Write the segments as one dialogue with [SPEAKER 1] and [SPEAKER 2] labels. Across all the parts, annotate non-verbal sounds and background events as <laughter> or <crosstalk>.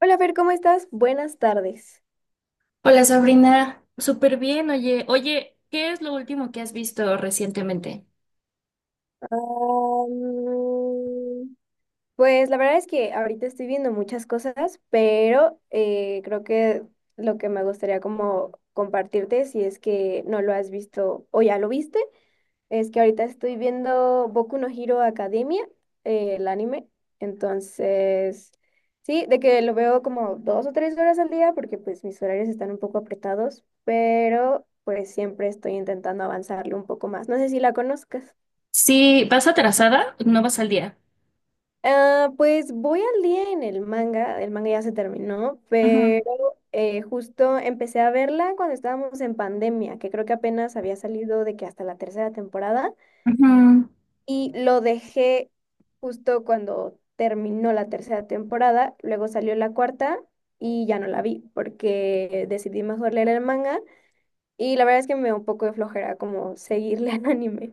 [SPEAKER 1] Hola, Fer, ¿cómo estás? Buenas tardes.
[SPEAKER 2] Hola Sabrina, súper bien, oye, oye, ¿qué es lo último que has visto recientemente?
[SPEAKER 1] Am, pues la verdad es que ahorita estoy viendo muchas cosas, pero creo que lo que me gustaría como compartirte, si es que no lo has visto o ya lo viste. Es que ahorita estoy viendo Boku no Hero Academia, el anime. Entonces, sí, de que lo veo como 2 o 3 horas al día porque pues mis horarios están un poco apretados, pero pues siempre estoy intentando avanzarlo un poco más. No sé si la conozcas.
[SPEAKER 2] Si vas atrasada, no vas al día.
[SPEAKER 1] Ah, pues voy al día en el manga ya se terminó,
[SPEAKER 2] Ujú,
[SPEAKER 1] pero justo empecé a verla cuando estábamos en pandemia, que creo que apenas había salido de que hasta la tercera temporada.
[SPEAKER 2] ujú.
[SPEAKER 1] Y lo dejé justo cuando terminó la tercera temporada, luego salió la cuarta y ya no la vi porque decidí mejor leer el manga y la verdad es que me dio un poco de flojera como seguirle al anime.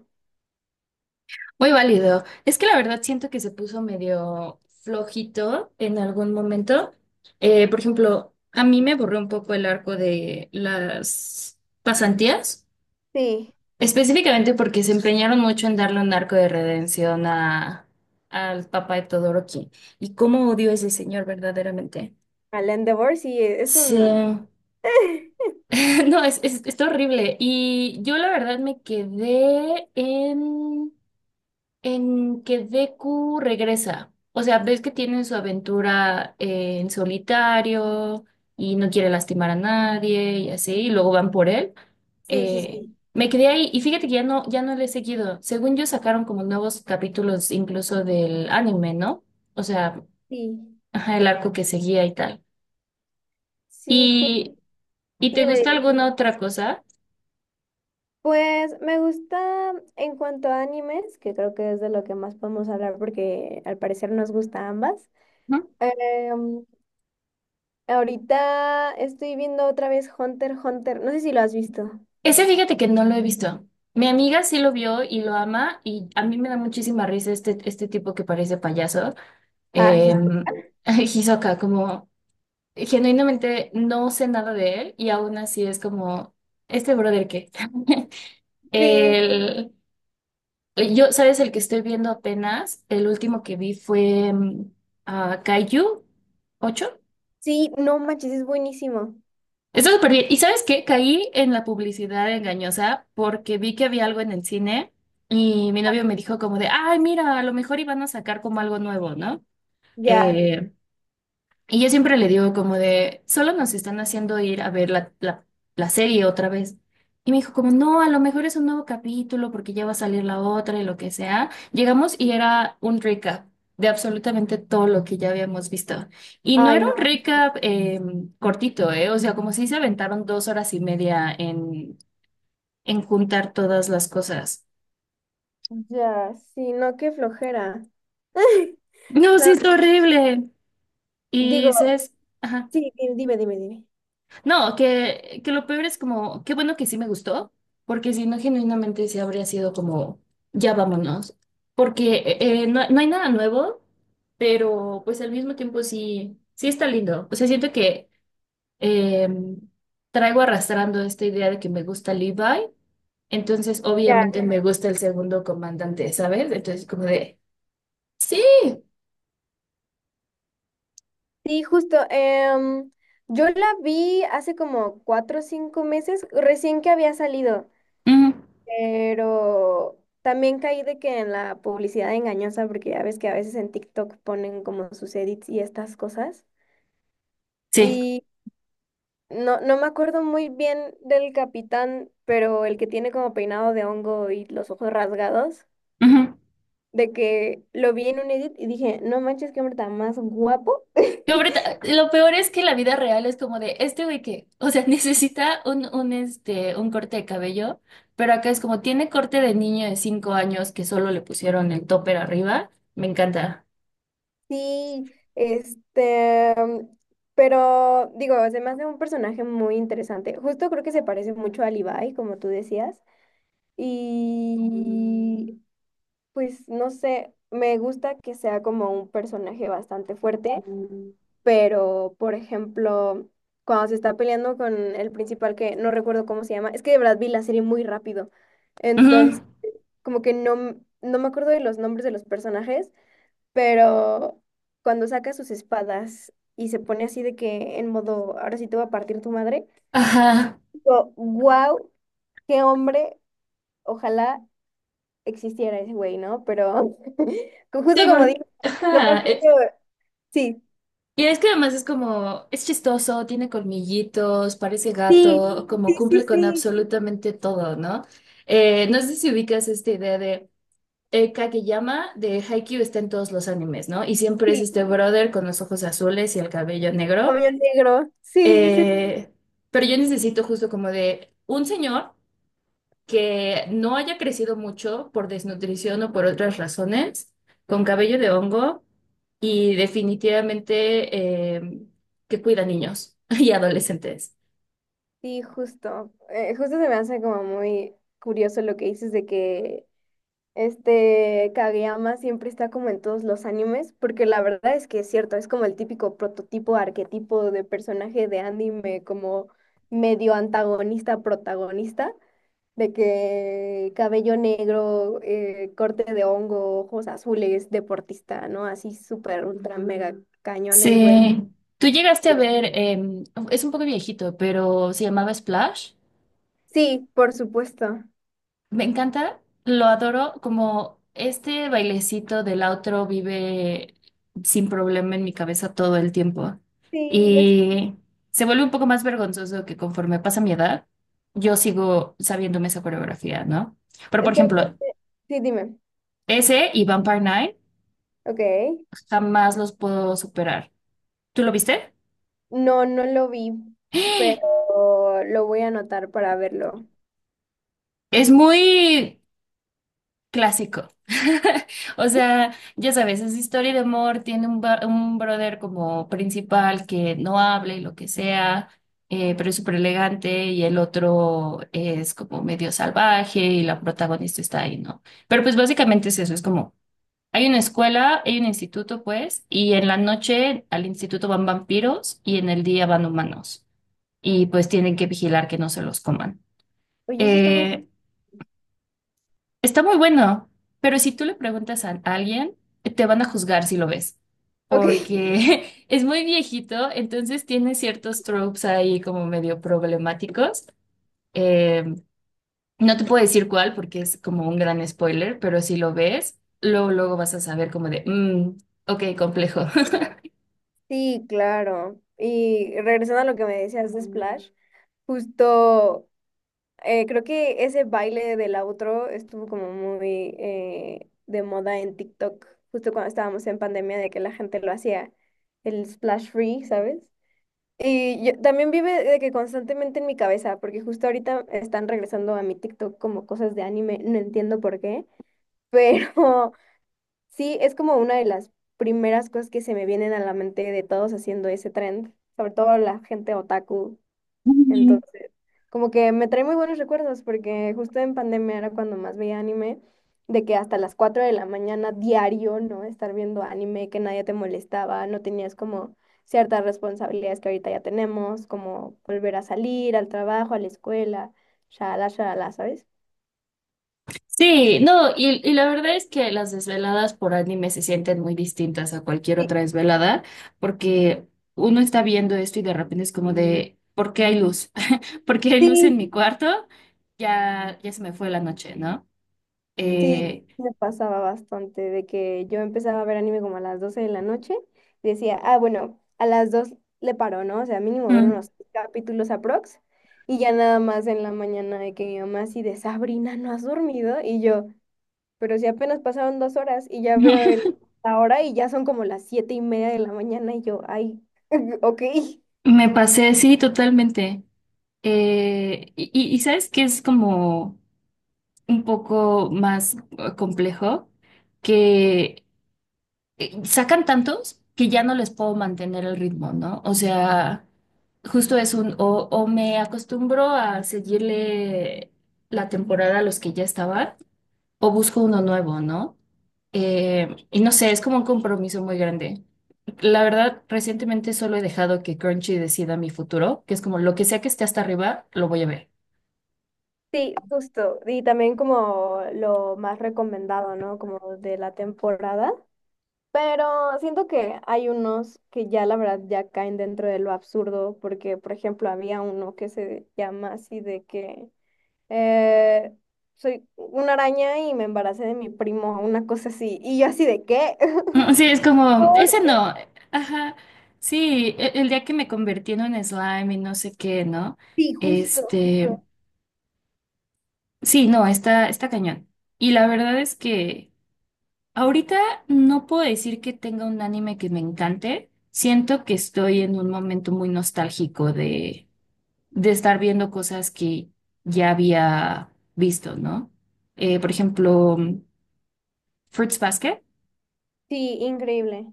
[SPEAKER 2] Muy válido. Es que la verdad siento que se puso medio flojito en algún momento. Por ejemplo, a mí me borró un poco el arco de las pasantías,
[SPEAKER 1] Sí,
[SPEAKER 2] específicamente porque se empeñaron mucho en darle un arco de redención a, al papá de Todoroki. Y cómo odio a ese señor verdaderamente.
[SPEAKER 1] al Endeavor sí es
[SPEAKER 2] Sí,
[SPEAKER 1] una...
[SPEAKER 2] <laughs>
[SPEAKER 1] <laughs>
[SPEAKER 2] no, es, está horrible. Y yo la verdad me quedé en que Deku regresa. O sea, ves que tiene su aventura en solitario y no quiere lastimar a nadie y así, y luego van por él.
[SPEAKER 1] Sí, sí,
[SPEAKER 2] Eh,
[SPEAKER 1] sí,
[SPEAKER 2] Me quedé ahí y fíjate que ya no le he seguido. Según yo sacaron como nuevos capítulos incluso del anime, ¿no? O sea,
[SPEAKER 1] sí,
[SPEAKER 2] ajá, el arco que seguía y tal.
[SPEAKER 1] sí,
[SPEAKER 2] ¿Y, y te
[SPEAKER 1] dime,
[SPEAKER 2] gusta
[SPEAKER 1] dime.
[SPEAKER 2] alguna otra cosa?
[SPEAKER 1] Pues me gusta en cuanto a animes, que creo que es de lo que más podemos hablar porque al parecer nos gusta a ambas. Ahorita estoy viendo otra vez Hunter x Hunter. No sé si lo has visto.
[SPEAKER 2] Ese fíjate que no lo he visto. Mi amiga sí lo vio y lo ama y a mí me da muchísima risa este tipo que parece payaso.
[SPEAKER 1] Ah,
[SPEAKER 2] Eh,
[SPEAKER 1] his-
[SPEAKER 2] <laughs> Hisoka, como genuinamente no sé nada de él y aún así es como, ¿este brother qué? <laughs>
[SPEAKER 1] sí,
[SPEAKER 2] El, yo, ¿sabes? El que estoy viendo apenas, el último que vi fue Kaiju 8.
[SPEAKER 1] sí, no manches, es buenísimo.
[SPEAKER 2] Está súper bien. ¿Y sabes qué? Caí en la publicidad engañosa porque vi que había algo en el cine y mi novio me dijo como de, ay, mira, a lo mejor iban a sacar como algo nuevo, ¿no?
[SPEAKER 1] Ya,
[SPEAKER 2] Eh, y yo siempre le digo como de, solo nos están haciendo ir a ver la serie otra vez. Y me dijo como, no, a lo mejor es un nuevo capítulo porque ya va a salir la otra y lo que sea. Llegamos y era un recap de absolutamente todo lo que ya habíamos visto. Y no
[SPEAKER 1] ay,
[SPEAKER 2] era un
[SPEAKER 1] no.
[SPEAKER 2] recap cortito, ¿eh? O sea, como si se aventaron 2 horas y media en juntar todas las cosas.
[SPEAKER 1] Ya, sí, no, qué flojera. <laughs>
[SPEAKER 2] No, sí,
[SPEAKER 1] La-
[SPEAKER 2] es horrible. Y
[SPEAKER 1] digo,
[SPEAKER 2] dices, ajá.
[SPEAKER 1] sí, dime, dime, dime.
[SPEAKER 2] No, que lo peor es como, qué bueno que sí me gustó, porque si no, genuinamente sí habría sido como, ya vámonos, porque no, no hay nada nuevo, pero pues al mismo tiempo sí, sí está lindo. O sea, siento que eh, traigo arrastrando esta idea de que me gusta Levi, entonces
[SPEAKER 1] Ya.
[SPEAKER 2] obviamente me gusta el segundo comandante, ¿sabes? Entonces como de, sí,
[SPEAKER 1] Sí, justo. Yo la vi hace como 4 o 5 meses, recién que había salido,
[SPEAKER 2] ujú,
[SPEAKER 1] pero también caí de que en la publicidad engañosa, porque ya ves que a veces en TikTok ponen como sus edits y estas cosas.
[SPEAKER 2] sí,
[SPEAKER 1] Y no, no me acuerdo muy bien del capitán, pero el que tiene como peinado de hongo y los ojos rasgados,
[SPEAKER 2] ujú.
[SPEAKER 1] de que lo vi en un edit y dije, no manches, qué hombre tan más guapo.
[SPEAKER 2] No,
[SPEAKER 1] <laughs>
[SPEAKER 2] pero ta- lo peor es que la vida real es como de este güey que, o sea, <laughs> necesita un corte de cabello, pero acá es como tiene corte de niño de 5 años que solo le pusieron el topper arriba. Me encanta.
[SPEAKER 1] Sí, este, pero digo, se me hace un personaje muy interesante. Justo creo que se parece mucho a Levi, como tú decías. Y pues no sé, me gusta que sea como un personaje bastante fuerte, pero por ejemplo, cuando se está peleando con el principal que no recuerdo cómo se llama, es que de verdad vi la serie muy rápido,
[SPEAKER 2] Ujú.
[SPEAKER 1] entonces como que no, no me acuerdo de los nombres de los personajes, pero cuando saca sus espadas y se pone así de que en modo, ahora sí te voy a partir tu madre,
[SPEAKER 2] Ajá.
[SPEAKER 1] digo, wow, qué hombre, ojalá existiera ese güey, ¿no? Pero <laughs> justo
[SPEAKER 2] Sí,
[SPEAKER 1] como digo,
[SPEAKER 2] porque.
[SPEAKER 1] lo más
[SPEAKER 2] Ajá.
[SPEAKER 1] que... Sí,
[SPEAKER 2] Y es que además es como, es chistoso, tiene colmillitos, parece
[SPEAKER 1] sí,
[SPEAKER 2] gato, como
[SPEAKER 1] sí, sí,
[SPEAKER 2] cumple con
[SPEAKER 1] sí,
[SPEAKER 2] absolutamente todo, ¿no? No sé si ubicas esta idea de. Kageyama de Haikyuu está en todos los animes, ¿no? Y siempre es
[SPEAKER 1] sí,
[SPEAKER 2] este brother con los ojos azules y el cabello negro.
[SPEAKER 1] como el negro, sí, sí,
[SPEAKER 2] Eh, pero yo necesito justo como de un señor que no haya crecido mucho por desnutrición o por otras razones, con cabello de hongo y definitivamente que cuida niños <laughs> y adolescentes.
[SPEAKER 1] sí, justo. Justo se me hace como muy curioso lo que dices de que este Kageyama siempre está como en todos los animes, porque la verdad es que es cierto, es como el típico prototipo, arquetipo de personaje de anime, como medio antagonista, protagonista. De que cabello negro, corte de hongo, ojos azules, deportista, ¿no? Así súper, ultra, mega cañón el güey.
[SPEAKER 2] Sí, tú llegaste a ver, es un poco viejito, pero se llamaba Splash.
[SPEAKER 1] Sí, por supuesto.
[SPEAKER 2] Me encanta, lo adoro, como este bailecito del outro vive sin problema en mi cabeza todo el tiempo.
[SPEAKER 1] Sí, ya sé.
[SPEAKER 2] Y se vuelve un poco más vergonzoso que conforme pasa mi edad, yo sigo sabiéndome esa coreografía, ¿no? Pero por
[SPEAKER 1] Es que
[SPEAKER 2] ejemplo,
[SPEAKER 1] aparte- Sí, dime.
[SPEAKER 2] ese y Vampire Night
[SPEAKER 1] Ok.
[SPEAKER 2] jamás los puedo superar. ¿Tú lo viste?
[SPEAKER 1] No, no lo vi,
[SPEAKER 2] <gasps>
[SPEAKER 1] pero lo voy a anotar para verlo.
[SPEAKER 2] Es muy clásico. <laughs> O sea, ya sabes, es historia de amor, tiene un, ba- un brother como principal que no habla y lo que sea, pero es súper elegante y el otro es como medio salvaje y la protagonista está ahí, ¿no? Pero pues básicamente es eso, es como, hay una escuela, hay un instituto, pues, y en la noche al instituto van vampiros y en el día van humanos y pues tienen que vigilar que no se los coman.
[SPEAKER 1] Oye, eso está muy...
[SPEAKER 2] Eh, Está muy bueno, pero si tú le preguntas a alguien, te van a juzgar si lo ves,
[SPEAKER 1] Ok, <laughs>
[SPEAKER 2] porque <laughs> es muy viejito, entonces tiene ciertos tropes ahí como medio problemáticos. Eh, no te puedo decir cuál porque es como un gran spoiler, pero si lo ves, luego, luego vas a saber como de, "Mm, ok, complejo".
[SPEAKER 1] sí, claro. Y regresando a lo que me decías de Splash, justo... creo que ese baile del outro estuvo como muy de moda en TikTok, justo cuando estábamos en pandemia, de que la gente lo hacía, el splash free, ¿sabes? Y yo, también vive de que constantemente en mi cabeza, porque justo ahorita están regresando a mi TikTok como cosas de anime, no entiendo por qué, pero <laughs> sí, es como una de las primeras cosas que se me vienen a la mente de todos haciendo ese trend, sobre todo la gente otaku.
[SPEAKER 2] <laughs>
[SPEAKER 1] Entonces, como que me trae muy buenos recuerdos porque justo en pandemia era cuando más veía anime, de que hasta las 4 de la mañana diario, ¿no? Estar viendo anime, que nadie te molestaba, no tenías como ciertas responsabilidades que ahorita ya tenemos, como volver a salir al trabajo, a la escuela, shalala, shalala, ¿sabes?
[SPEAKER 2] Sí, no, y la verdad es que las desveladas por anime se sienten muy distintas a cualquier
[SPEAKER 1] Sí.
[SPEAKER 2] otra desvelada, porque uno está viendo esto y de repente es como de, ¿por qué hay luz? <laughs> ¿Por qué hay luz
[SPEAKER 1] Sí.
[SPEAKER 2] en mi cuarto? Ya, ya se me fue la noche, ¿no?
[SPEAKER 1] Sí,
[SPEAKER 2] Eh,
[SPEAKER 1] me pasaba bastante de que yo empezaba a ver anime como a las 12 de la noche y decía, ah, bueno, a las 2 le paro, ¿no? O sea, mínimo ver
[SPEAKER 2] Mm.
[SPEAKER 1] unos capítulos aprox y ya nada más en la mañana de que mi mamá así de Sabrina, ¿no has dormido? Y yo, pero si apenas pasaron 2 horas y ya veo el,
[SPEAKER 2] <laughs>
[SPEAKER 1] la hora y ya son como las 7 y media de la mañana y yo, ay, <laughs> ok.
[SPEAKER 2] Me pasé, sí, totalmente. Y, y sabes que es como un poco más complejo que... sacan tantos que ya no les puedo mantener el ritmo, ¿no? O sea, justo es un, o me acostumbro a seguirle la temporada a los que ya estaban, o busco uno nuevo, ¿no? Y no sé, es como un compromiso muy grande. La verdad, recientemente solo he dejado que Crunchy decida mi futuro, que es como lo que sea que esté hasta arriba, lo voy a ver.
[SPEAKER 1] Sí, justo. Y también como lo más recomendado, ¿no? Como de la temporada. Pero siento que hay unos que ya la verdad ya caen dentro de lo absurdo, porque por ejemplo había uno que se llama así de que eh, soy una araña y me embaracé de mi primo, una cosa así, y yo así de qué.
[SPEAKER 2] <laughs> Mm, sí, es
[SPEAKER 1] <laughs>
[SPEAKER 2] como,
[SPEAKER 1] Por-
[SPEAKER 2] ese no. Ajá. Sí, e- el, día que me convertí en un slime y no sé qué, ¿no?
[SPEAKER 1] Sí, justo,
[SPEAKER 2] Este,
[SPEAKER 1] justo.
[SPEAKER 2] sí, no, está, está cañón. Y la verdad es que ahorita no puedo decir que tenga un anime que me encante. Siento que estoy en un momento muy nostálgico de estar viendo cosas que ya había visto, ¿no? Por ejemplo, Fruits Basket.
[SPEAKER 1] Sí, increíble.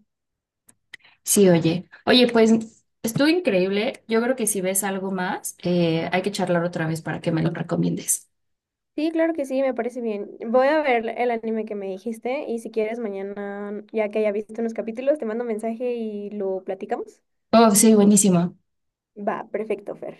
[SPEAKER 2] Sí, oye. Oye, pues estuvo increíble. Yo creo que si ves algo más, hay que charlar otra vez para que me lo recomiendes.
[SPEAKER 1] Sí, claro que sí, me parece bien. Voy a ver el anime que me dijiste y si quieres mañana, ya que haya visto unos capítulos, te mando un mensaje y lo platicamos.
[SPEAKER 2] Oh, sí, buenísimo.
[SPEAKER 1] Va, perfecto, Fer.